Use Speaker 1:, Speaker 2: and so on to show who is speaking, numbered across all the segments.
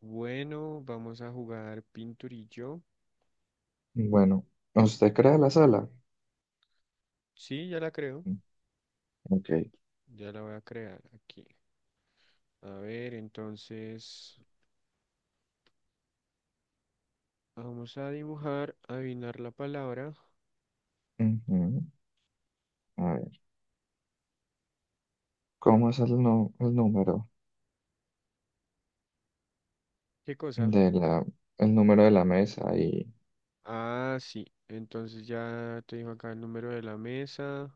Speaker 1: Bueno, vamos a jugar pinturillo.
Speaker 2: Bueno, ¿usted crea la sala?
Speaker 1: Sí, ya la creo.
Speaker 2: Mm. Ok.
Speaker 1: Ya la voy a crear aquí. A ver, entonces vamos a dibujar, adivinar la palabra.
Speaker 2: Ujú. A ver, ¿cómo es el, el número
Speaker 1: ¿Qué cosa?
Speaker 2: de la, el número de la mesa y
Speaker 1: Ah, sí. Entonces ya te dijo acá el número de la mesa.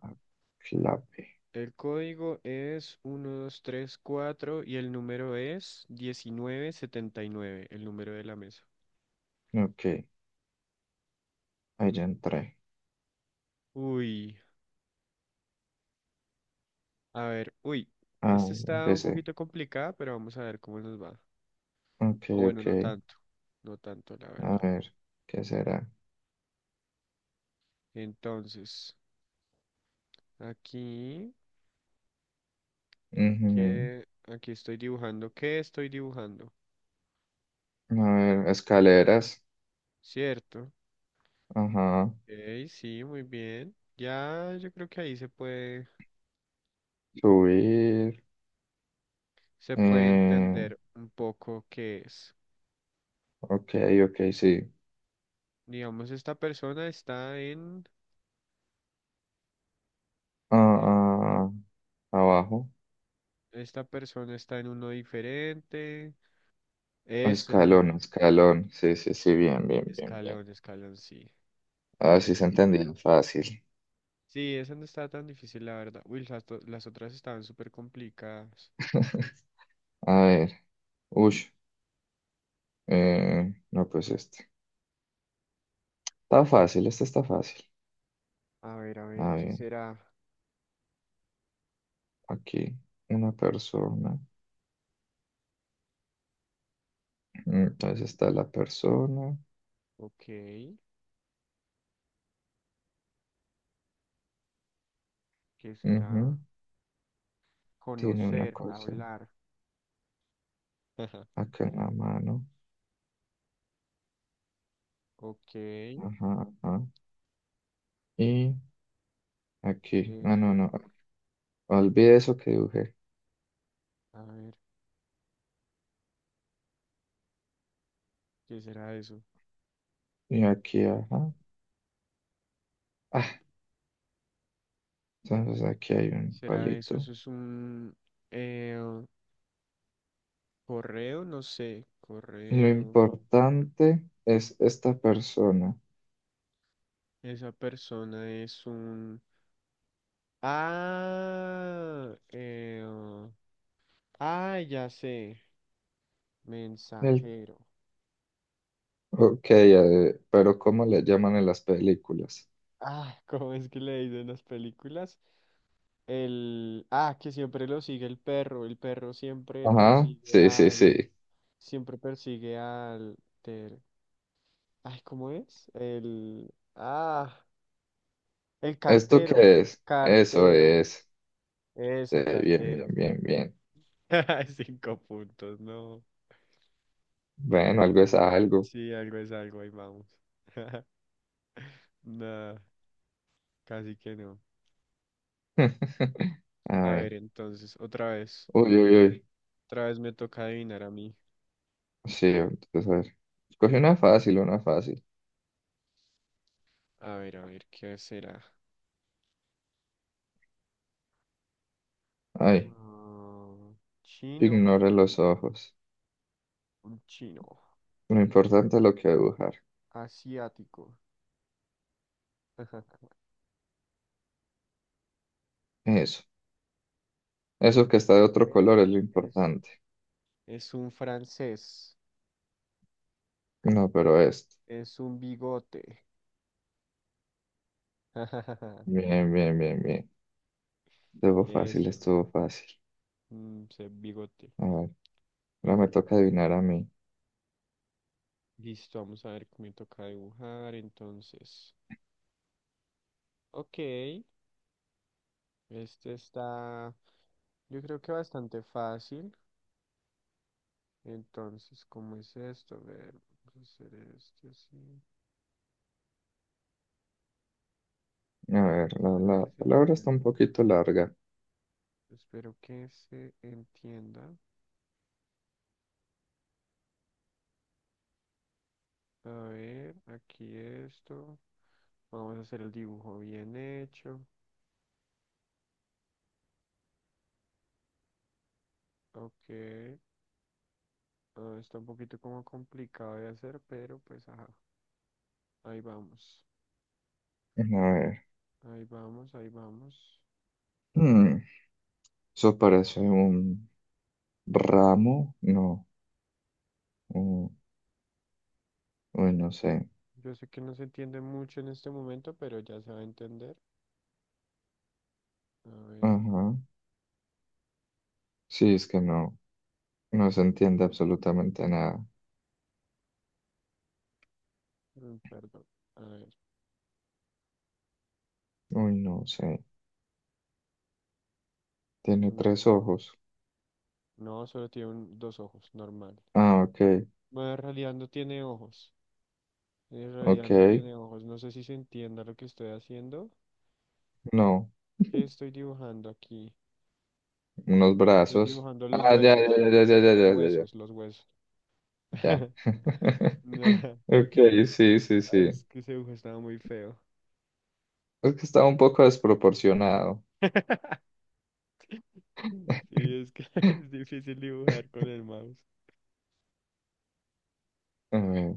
Speaker 2: la clave?
Speaker 1: El código es 1234 y el número es 1979. El número de la mesa.
Speaker 2: Ok, ahí ya entré.
Speaker 1: Uy, a ver, uy.
Speaker 2: Ah,
Speaker 1: Esta
Speaker 2: ya
Speaker 1: está un
Speaker 2: empecé.
Speaker 1: poquito complicada, pero vamos a ver cómo nos va.
Speaker 2: Ok,
Speaker 1: O bueno,
Speaker 2: ok.
Speaker 1: no tanto, no tanto, la
Speaker 2: A
Speaker 1: verdad.
Speaker 2: ver, ¿qué será?
Speaker 1: Entonces, aquí,
Speaker 2: Ujú.
Speaker 1: que aquí estoy dibujando. ¿Qué estoy dibujando?
Speaker 2: A ver, escaleras.
Speaker 1: ¿Cierto?
Speaker 2: Ajá.
Speaker 1: Ok, sí, muy bien. Ya yo creo que ahí
Speaker 2: Subir.
Speaker 1: se puede
Speaker 2: Eh,
Speaker 1: entender un poco qué es.
Speaker 2: ok, ok, sí.
Speaker 1: Digamos, esta persona está en,
Speaker 2: Ah,
Speaker 1: en-
Speaker 2: ah, abajo.
Speaker 1: esta persona está en uno diferente. Eso, muy
Speaker 2: Escalón,
Speaker 1: bien.
Speaker 2: escalón. Sí, sí, sí, bien, bien, bien, bien.
Speaker 1: Escalón, escalón, sí.
Speaker 2: A ver
Speaker 1: Bien
Speaker 2: si se
Speaker 1: ahí, bien ahí.
Speaker 2: entendía. Fácil.
Speaker 1: Sí, esa no estaba tan difícil, la verdad. Uy, las, las otras estaban súper complicadas.
Speaker 2: A ver. Uy. No, pues este. Está fácil, este está fácil.
Speaker 1: A ver,
Speaker 2: A
Speaker 1: ¿qué
Speaker 2: ver,
Speaker 1: será?
Speaker 2: aquí una persona. Entonces está la persona.
Speaker 1: Ok, ¿qué será?
Speaker 2: Ujú. Tiene una
Speaker 1: Conocer,
Speaker 2: cosa
Speaker 1: hablar.
Speaker 2: acá en la mano.
Speaker 1: Ok,
Speaker 2: Ajá, ajá. Y aquí. Ah, no, no. Olvide eso que dibujé.
Speaker 1: a ver, ¿qué será eso?
Speaker 2: Y aquí, ajá. Ah, entonces aquí hay
Speaker 1: ¿Qué
Speaker 2: un
Speaker 1: será eso?
Speaker 2: palito.
Speaker 1: Eso es un eh, correo, no sé,
Speaker 2: Lo
Speaker 1: correo.
Speaker 2: importante es esta persona.
Speaker 1: Esa persona es un... Ah, ah, ya sé,
Speaker 2: El
Speaker 1: mensajero.
Speaker 2: ok, pero ¿cómo le llaman en las películas?
Speaker 1: Ah, ¿cómo es que le dicen las películas? El, ah, que siempre lo sigue el perro
Speaker 2: Ajá, sí, sí, sí.
Speaker 1: siempre persigue al, ay, ¿cómo es? El, ah, el
Speaker 2: ¿Esto
Speaker 1: cartero,
Speaker 2: qué es? Eso
Speaker 1: cartero,
Speaker 2: es.
Speaker 1: eso,
Speaker 2: Bien, bien,
Speaker 1: cartero.
Speaker 2: bien, bien.
Speaker 1: 5 puntos, no.
Speaker 2: Bueno, algo es algo.
Speaker 1: Sí, algo es algo, ahí vamos. Nada, casi que no.
Speaker 2: A
Speaker 1: A
Speaker 2: ver.
Speaker 1: ver, entonces,
Speaker 2: Uy, uy, uy.
Speaker 1: otra vez me toca adivinar a mí.
Speaker 2: Sí, entonces, a ver. Escoge una fácil, una fácil.
Speaker 1: A ver, ¿qué será?
Speaker 2: Ay,
Speaker 1: Mm, chino,
Speaker 2: ignore los ojos.
Speaker 1: un chino,
Speaker 2: Lo importante es lo que dibujar.
Speaker 1: asiático.
Speaker 2: Eso. Eso que está de otro
Speaker 1: Eh,
Speaker 2: color es lo
Speaker 1: Es,
Speaker 2: importante.
Speaker 1: es un francés,
Speaker 2: No, pero esto.
Speaker 1: es un bigote.
Speaker 2: Bien, bien, bien, bien. Estuvo fácil,
Speaker 1: Eso,
Speaker 2: estuvo fácil.
Speaker 1: mm, bigote,
Speaker 2: A ver. Ahora me
Speaker 1: bigote.
Speaker 2: toca adivinar a mí.
Speaker 1: Listo, vamos a ver qué me toca dibujar entonces. Ok, este está, yo creo que bastante fácil. Entonces, ¿cómo es esto? A ver, vamos a hacer esto así.
Speaker 2: A
Speaker 1: A ver,
Speaker 2: ver, la,
Speaker 1: espero
Speaker 2: la
Speaker 1: que se
Speaker 2: palabra está un
Speaker 1: entienda.
Speaker 2: poquito larga.
Speaker 1: Espero que se entienda. A ver, aquí esto. Vamos a hacer el dibujo bien hecho. Ok. Ah, está un poquito como complicado de hacer, pero pues ajá. Ahí vamos.
Speaker 2: A ver.
Speaker 1: Ahí vamos, ahí vamos.
Speaker 2: Mm. Eso parece un ramo. No. un- Uy, no sé.
Speaker 1: Yo sé que no se entiende mucho en este momento, pero ya se va a entender. A ver,
Speaker 2: Ajá. Sí, es que no. No se entiende absolutamente nada.
Speaker 1: mm, perdón. A ver.
Speaker 2: Uy, no sé. Tiene
Speaker 1: Mm,
Speaker 2: tres ojos.
Speaker 1: no, solo tiene dos ojos, normal.
Speaker 2: Ah, ok.
Speaker 1: Bueno, en realidad no tiene ojos. En realidad
Speaker 2: Ok.
Speaker 1: no tiene ojos. No sé si se entienda lo que estoy haciendo.
Speaker 2: No.
Speaker 1: ¿Qué estoy dibujando aquí?
Speaker 2: Unos
Speaker 1: Estoy
Speaker 2: brazos.
Speaker 1: dibujando los
Speaker 2: Ah, ya, ya,
Speaker 1: huesos.
Speaker 2: ya, ya, ya,
Speaker 1: Los
Speaker 2: ya, ya, ya.
Speaker 1: huesos, los huesos.
Speaker 2: Ya. Ya.
Speaker 1: Nah,
Speaker 2: Ok, sí, sí, sí.
Speaker 1: es que ese dibujo estaba muy feo.
Speaker 2: Es que estaba un poco desproporcionado.
Speaker 1: Sí, es que es difícil dibujar con el mouse.
Speaker 2: A ver,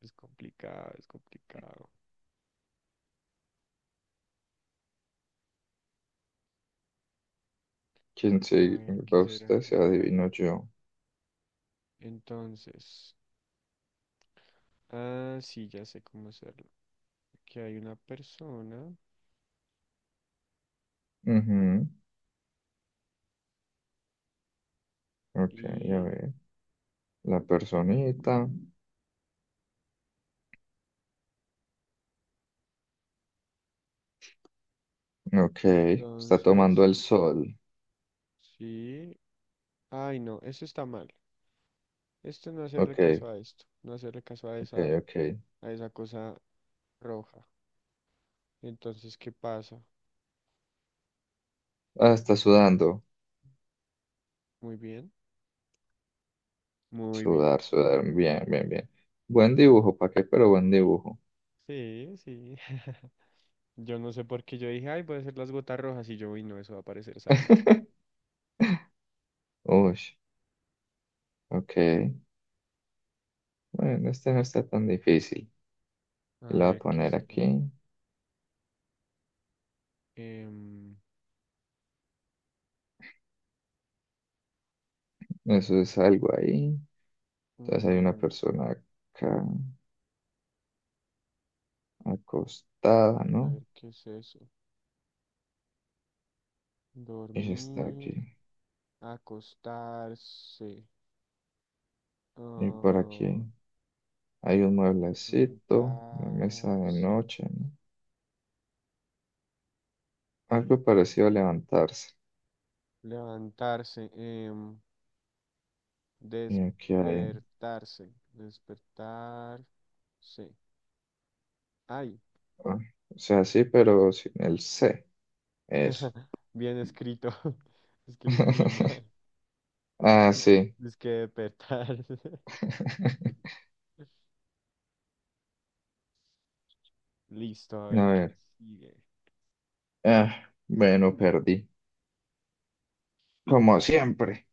Speaker 1: Es complicado, es complicado.
Speaker 2: ¿quién
Speaker 1: A
Speaker 2: se
Speaker 1: ver, ¿qué
Speaker 2: va
Speaker 1: será?
Speaker 2: usted?
Speaker 1: ¿Qué
Speaker 2: Se
Speaker 1: será?
Speaker 2: adivino yo.
Speaker 1: Entonces, ah, sí, ya sé cómo hacerlo. Aquí hay una persona
Speaker 2: Ujú. Ok, a
Speaker 1: y,
Speaker 2: ver. La personita. Ok,
Speaker 1: y
Speaker 2: está tomando
Speaker 1: entonces,
Speaker 2: el sol.
Speaker 1: sí. Ay, no, eso está mal. Esto no hacerle
Speaker 2: Ok,
Speaker 1: caso a esto, no hacerle caso
Speaker 2: ok, ok.
Speaker 1: a esa cosa roja. Entonces, ¿qué pasa?
Speaker 2: Ah, está sudando.
Speaker 1: Muy bien, muy bien.
Speaker 2: Sudar, sudar. Bien, bien, bien. Buen dibujo, ¿para qué? Pero buen dibujo.
Speaker 1: Sí, sí. Yo no sé por qué yo dije, ay, puede ser las gotas rojas y yo, uy, no, eso va a parecer sangre.
Speaker 2: Uy, ok. Bueno, este no está tan difícil.
Speaker 1: A
Speaker 2: Lo voy a
Speaker 1: ver, ¿qué
Speaker 2: poner
Speaker 1: será?
Speaker 2: aquí.
Speaker 1: Em,
Speaker 2: Eso es algo ahí. Entonces hay una
Speaker 1: mm,
Speaker 2: persona acá acostada,
Speaker 1: a
Speaker 2: ¿no?
Speaker 1: ver, ¿qué es eso?
Speaker 2: Ella está
Speaker 1: Dormir,
Speaker 2: aquí.
Speaker 1: acostarse,
Speaker 2: Y por
Speaker 1: ah,
Speaker 2: aquí hay un mueblecito, una mesa de
Speaker 1: levantarse,
Speaker 2: noche, ¿no? Algo parecido a levantarse.
Speaker 1: levantarse,
Speaker 2: Y aquí hay,
Speaker 1: despertarse, despertarse. Ay,
Speaker 2: ah, o sea, sí, pero sin el C. Eso.
Speaker 1: bien escrito. Es que lo escribí mal.
Speaker 2: Ah, sí.
Speaker 1: Es que despertar. Listo, a
Speaker 2: A
Speaker 1: ver quién
Speaker 2: ver.
Speaker 1: sigue.
Speaker 2: Ah, bueno, perdí. Como
Speaker 1: Ay.
Speaker 2: siempre.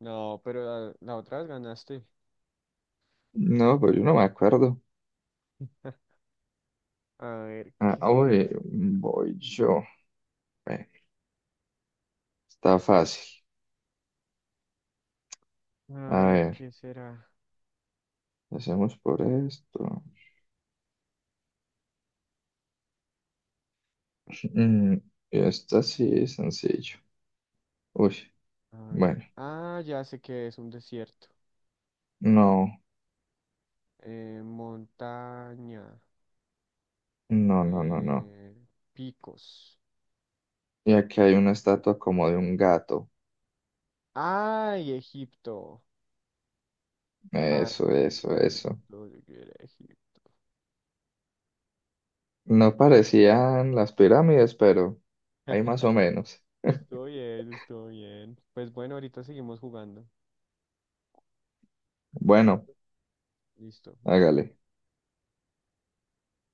Speaker 1: No, pero la otra vez ganaste.
Speaker 2: No, pues yo no me acuerdo.
Speaker 1: A ver
Speaker 2: Ah,
Speaker 1: qué se
Speaker 2: hoy
Speaker 1: puede.
Speaker 2: voy yo. Bueno, está fácil.
Speaker 1: A
Speaker 2: A
Speaker 1: ver
Speaker 2: ver.
Speaker 1: qué será.
Speaker 2: Hacemos por esto. Mm, y esta sí es sencillo. Uy,
Speaker 1: A ver.
Speaker 2: bueno,
Speaker 1: Ah, ya sé que es un desierto.
Speaker 2: no,
Speaker 1: Montaña.
Speaker 2: no, no, no, no.
Speaker 1: Eh, picos.
Speaker 2: Y aquí hay una estatua como de un gato.
Speaker 1: Ay, Egipto. Ay, yo
Speaker 2: Eso,
Speaker 1: quería
Speaker 2: eso, eso.
Speaker 1: Egipto, yo quería Egipto.
Speaker 2: No parecían las pirámides, pero hay más o menos.
Speaker 1: Estoy bien, estoy bien. Pues bueno, ahorita seguimos jugando.
Speaker 2: Bueno,
Speaker 1: ¿Listo? Listo. Bueno.
Speaker 2: hágale.